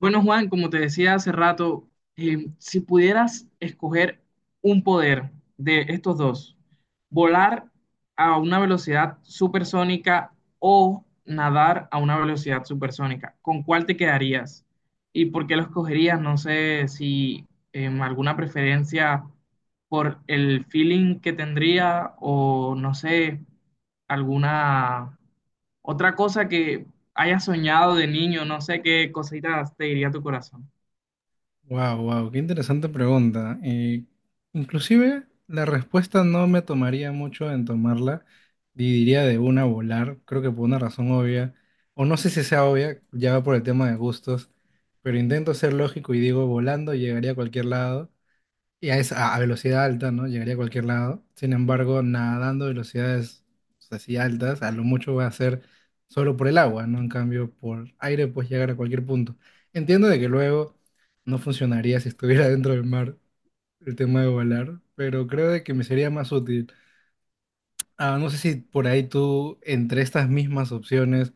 Bueno, Juan, como te decía hace rato, si pudieras escoger un poder de estos dos, volar a una velocidad supersónica o nadar a una velocidad supersónica, ¿con cuál te quedarías? ¿Y por qué lo escogerías? No sé si alguna preferencia por el feeling que tendría, o no sé, alguna otra cosa que hayas soñado de niño. No sé qué cositas te diría tu corazón. Wow, wow, qué interesante pregunta. Inclusive la respuesta no me tomaría mucho en tomarla y diría de una volar, creo que por una razón obvia, o no sé si sea obvia, ya va por el tema de gustos, pero intento ser lógico y digo volando llegaría a cualquier lado y a, esa, a velocidad alta, ¿no? Llegaría a cualquier lado. Sin embargo, nadando a velocidades así altas, a lo mucho va a ser solo por el agua, ¿no? En cambio, por aire puedes llegar a cualquier punto. Entiendo de que luego no funcionaría si estuviera dentro del mar el tema de volar, pero creo de que me sería más útil. Ah, no sé si por ahí tú, entre estas mismas opciones,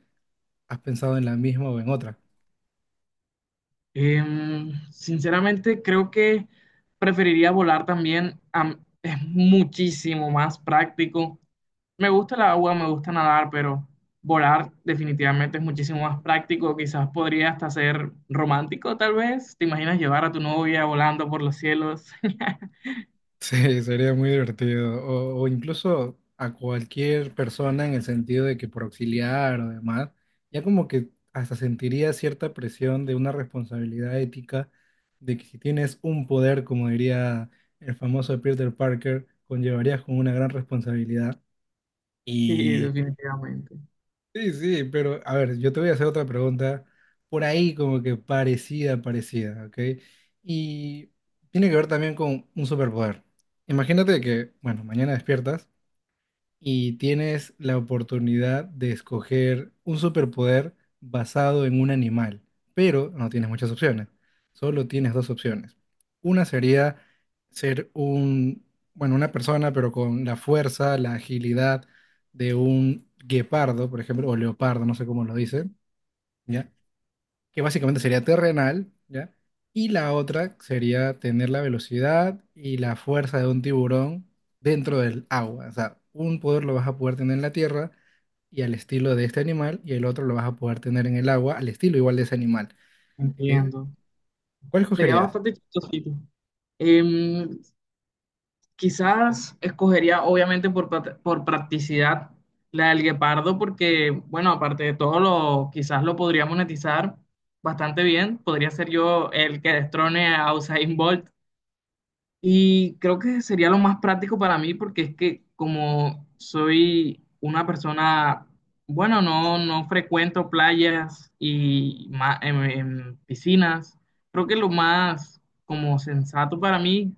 has pensado en la misma o en otra. Sinceramente, creo que preferiría volar también. Es muchísimo más práctico. Me gusta el agua, me gusta nadar, pero volar definitivamente es muchísimo más práctico. Quizás podría hasta ser romántico, tal vez. ¿Te imaginas llevar a tu novia volando por los cielos? Sí, sería muy divertido. O incluso a cualquier persona en el sentido de que por auxiliar o demás, ya como que hasta sentiría cierta presión de una responsabilidad ética de que si tienes un poder, como diría el famoso Peter Parker, conllevarías con una gran responsabilidad. Sí, definitivamente. Sí, sí, pero a ver, yo te voy a hacer otra pregunta por ahí como que parecida, parecida, ¿ok? Y tiene que ver también con un superpoder. Imagínate que, bueno, mañana despiertas y tienes la oportunidad de escoger un superpoder basado en un animal, pero no tienes muchas opciones, solo tienes dos opciones. Una sería ser un, bueno, una persona, pero con la fuerza, la agilidad de un guepardo, por ejemplo, o leopardo, no sé cómo lo dicen, ¿ya? Que básicamente sería terrenal, ¿ya? Y la otra sería tener la velocidad y la fuerza de un tiburón dentro del agua. O sea, un poder lo vas a poder tener en la tierra y al estilo de este animal, y el otro lo vas a poder tener en el agua al estilo igual de ese animal. Eh, Entiendo. ¿Cuál Sería escogerías? bastante chistosito. Em, Quizás escogería, obviamente, por, por practicidad, la del guepardo, porque, bueno, aparte de todo, lo, quizás lo podría monetizar bastante bien. Podría ser yo el que destrone a Usain Bolt, y creo que sería lo más práctico para mí, porque es que como soy una persona, bueno, no, no frecuento playas y piscinas, creo que lo más como sensato para mí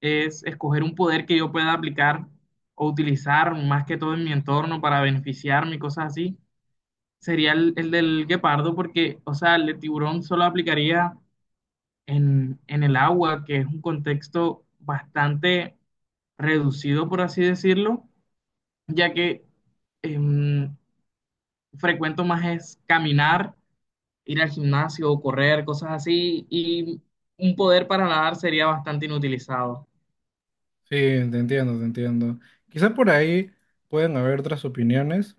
es escoger un poder que yo pueda aplicar o utilizar más que todo en mi entorno para beneficiarme y cosas así. Sería el del guepardo, porque, o sea, el de tiburón solo aplicaría en el agua, que es un contexto bastante reducido, por así decirlo, ya que em, frecuento más es caminar, ir al gimnasio o correr, cosas así, y un poder para nadar sería bastante inutilizado. Sí, te entiendo, te entiendo. Quizá por ahí pueden haber otras opiniones,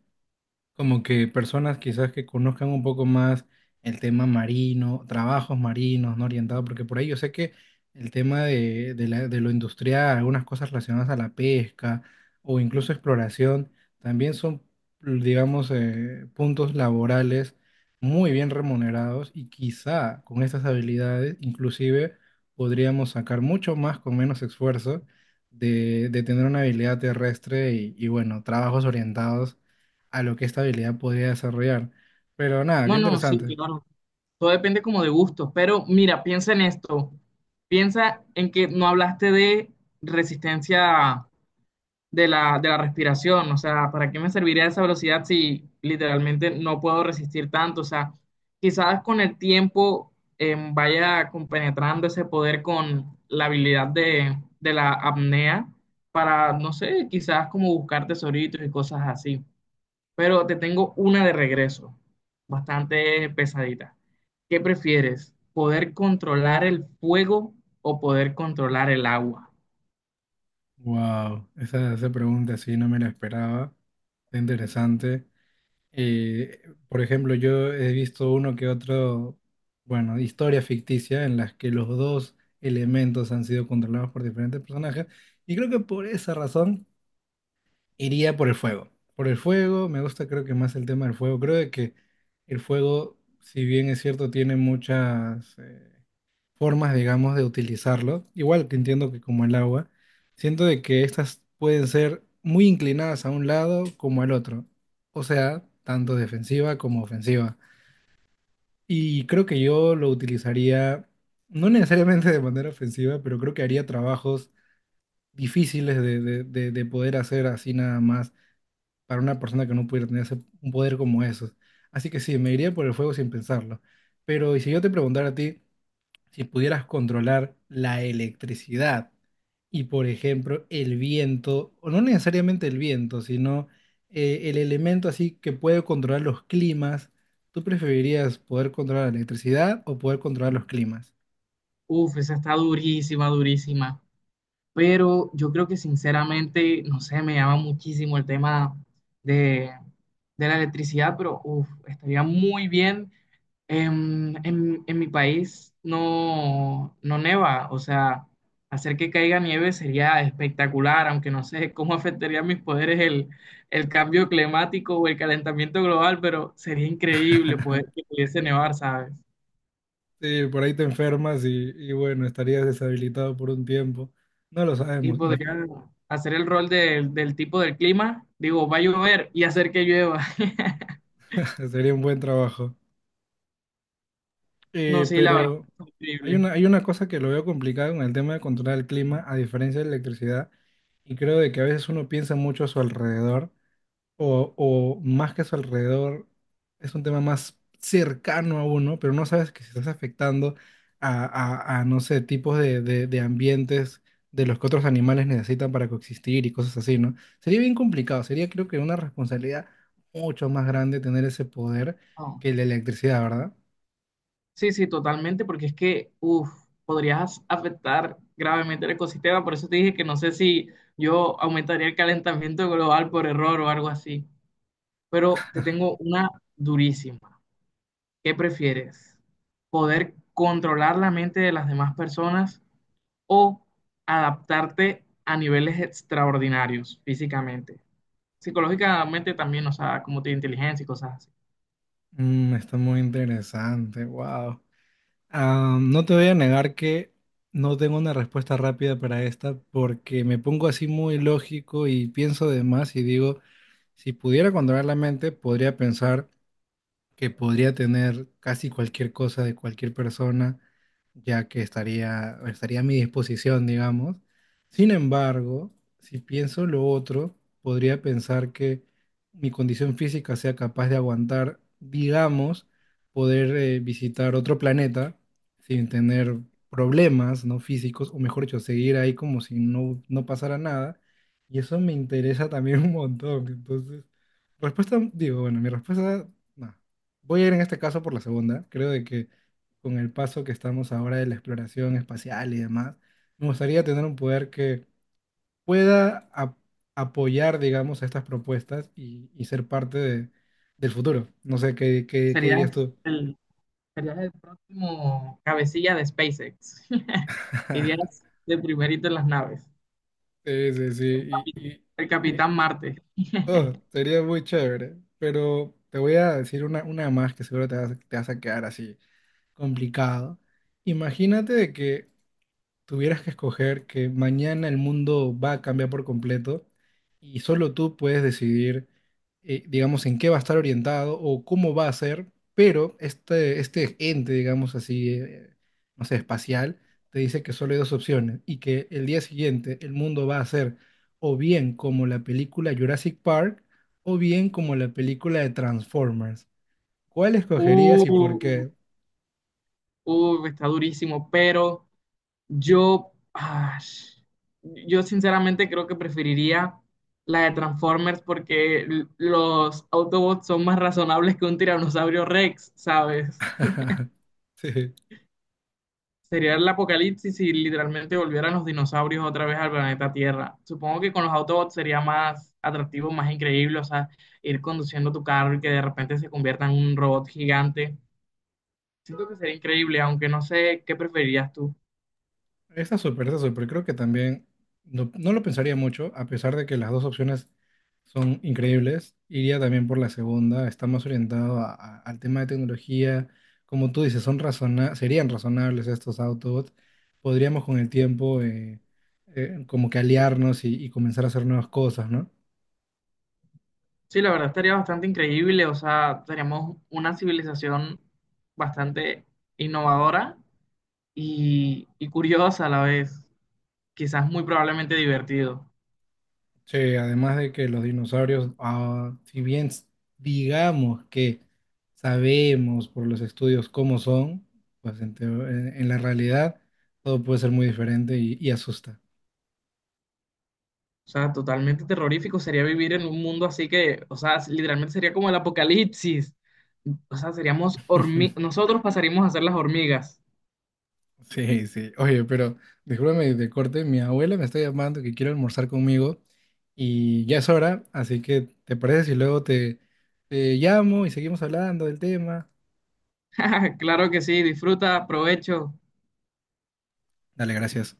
como que personas quizás que conozcan un poco más el tema marino, trabajos marinos, ¿no? Orientados, porque por ahí yo sé que el tema de, de lo industrial, algunas cosas relacionadas a la pesca o incluso exploración, también son, digamos, puntos laborales muy bien remunerados y quizá con estas habilidades inclusive podríamos sacar mucho más con menos esfuerzo de tener una habilidad terrestre y bueno, trabajos orientados a lo que esta habilidad podría desarrollar. Pero nada, qué No, no, sí, interesante. claro. Todo depende como de gustos, pero mira, piensa en esto. Piensa en que no hablaste de resistencia de la respiración. O sea, ¿para qué me serviría esa velocidad si literalmente no puedo resistir tanto? O sea, quizás con el tiempo vaya compenetrando ese poder con la habilidad de la apnea para, no sé, quizás como buscar tesoritos y cosas así. Pero te tengo una de regreso, bastante pesadita. ¿Qué prefieres? ¿Poder controlar el fuego o poder controlar el agua? Wow, esa pregunta sí no me la esperaba. Qué interesante. Por ejemplo, yo he visto uno que otro, bueno, historia ficticia en las que los dos elementos han sido controlados por diferentes personajes. Y creo que por esa razón iría por el fuego. Por el fuego, me gusta creo que más el tema del fuego. Creo de que el fuego, si bien es cierto, tiene muchas formas, digamos, de utilizarlo. Igual que entiendo que como el agua, siento de que estas pueden ser muy inclinadas a un lado como al otro, o sea, tanto defensiva como ofensiva. Y creo que yo lo utilizaría, no necesariamente de manera ofensiva, pero creo que haría trabajos difíciles de, de poder hacer así nada más para una persona que no pudiera tener un poder como esos. Así que sí, me iría por el fuego sin pensarlo. Pero, y si yo te preguntara a ti, si pudieras controlar la electricidad y, por ejemplo, el viento, o no necesariamente el viento, sino el elemento así que puede controlar los climas, ¿tú preferirías poder controlar la electricidad o poder controlar los climas? Uf, esa está durísima, durísima. Pero yo creo que sinceramente, no sé, me llama muchísimo el tema de, de la electricidad, pero uf, estaría muy bien. En mi país no, no neva, o sea, hacer que caiga nieve sería espectacular, aunque no sé cómo afectaría a mis poderes el cambio climático o el calentamiento global, pero sería increíble poder que pudiese nevar, ¿sabes? Sí, por ahí te enfermas y bueno, estarías deshabilitado por un tiempo. No lo Y sabemos. podría hacer el rol del, del tipo del clima, digo, va a llover y hacer que llueva. Sería un buen trabajo. No, sí, la verdad, Pero es increíble. Hay una cosa que lo veo complicado con el tema de controlar el clima, a diferencia de la electricidad, y creo de que a veces uno piensa mucho a su alrededor, o más que a su alrededor, es un tema más cercano a uno, pero no sabes que se estás afectando a, a, no sé, tipos de, de ambientes de los que otros animales necesitan para coexistir y cosas así, ¿no? Sería bien complicado, sería creo que una responsabilidad mucho más grande tener ese poder No. que la electricidad, ¿verdad? Sí, sí, totalmente, porque es que, uff, podrías afectar gravemente el ecosistema, por eso te dije que no sé si yo aumentaría el calentamiento global por error o algo así. Pero te tengo una durísima. ¿Qué prefieres? ¿Poder controlar la mente de las demás personas o adaptarte a niveles extraordinarios físicamente? Psicológicamente también, o sea, como tu inteligencia y cosas así. Mm, está muy interesante, wow. No te voy a negar que no tengo una respuesta rápida para esta porque me pongo así muy lógico y pienso de más y digo, si pudiera controlar la mente, podría pensar que podría tener casi cualquier cosa de cualquier persona ya que estaría, estaría a mi disposición, digamos. Sin embargo, si pienso lo otro, podría pensar que mi condición física sea capaz de aguantar, digamos, poder visitar otro planeta sin tener problemas, ¿no? Físicos, o mejor dicho, seguir ahí como si no, no pasara nada. Y eso me interesa también un montón. Entonces, respuesta, digo, bueno, mi respuesta, no. Voy a ir en este caso por la segunda. Creo de que con el paso que estamos ahora de la exploración espacial y demás, me gustaría tener un poder que pueda apoyar, digamos, estas propuestas y ser parte del futuro. No sé, ¿qué, qué, qué dirías Serías tú? el, serías el próximo cabecilla de SpaceX. Irías de primerito en las naves. Sí, sí, sí. Capi- Y, El y- y- Capitán Marte. oh, sería muy chévere. Pero te voy a decir una más que seguro te vas a quedar así complicado. Imagínate de que tuvieras que escoger que mañana el mundo va a cambiar por completo y solo tú puedes decidir, digamos, en qué va a estar orientado o cómo va a ser, pero este ente, digamos así, no sé, espacial, te dice que solo hay dos opciones y que el día siguiente el mundo va a ser o bien como la película Jurassic Park o bien como la película de Transformers. ¿Cuál escogerías y por Uh, qué? Está durísimo, pero yo, ah, yo sinceramente creo que preferiría la de Transformers, porque los Autobots son más razonables que un tiranosaurio Rex, ¿sabes? Sí. Sería el apocalipsis si literalmente volvieran los dinosaurios otra vez al planeta Tierra. Supongo que con los Autobots sería más atractivo, más increíble, o sea, ir conduciendo tu carro y que de repente se convierta en un robot gigante. Siento que sería increíble, aunque no sé qué preferirías tú. Está súper, está súper. Creo que también no, no lo pensaría mucho, a pesar de que las dos opciones son increíbles. Iría también por la segunda, está más orientado al tema de tecnología. Como tú dices, son razona serían razonables estos autos. Podríamos con el tiempo como que aliarnos y comenzar a hacer nuevas cosas, ¿no? Sí, la verdad estaría bastante increíble, o sea, seríamos una civilización bastante innovadora y curiosa a la vez, quizás muy probablemente divertido, Sí, además de que los dinosaurios, ah, si bien digamos que sabemos por los estudios cómo son, pues en, en la realidad todo puede ser muy diferente y asusta. o sea, totalmente terrorífico sería vivir en un mundo así que, o sea, literalmente sería como el apocalipsis, o sea, seríamos hormigas, nosotros pasaríamos a ser las hormigas. Sí, sí. Oye, pero discúlpame de corte, mi abuela me está llamando que quiere almorzar conmigo y ya es hora, así que ¿te parece si luego te, te llamo y seguimos hablando del tema? Claro que sí, disfruta, provecho. Dale, gracias.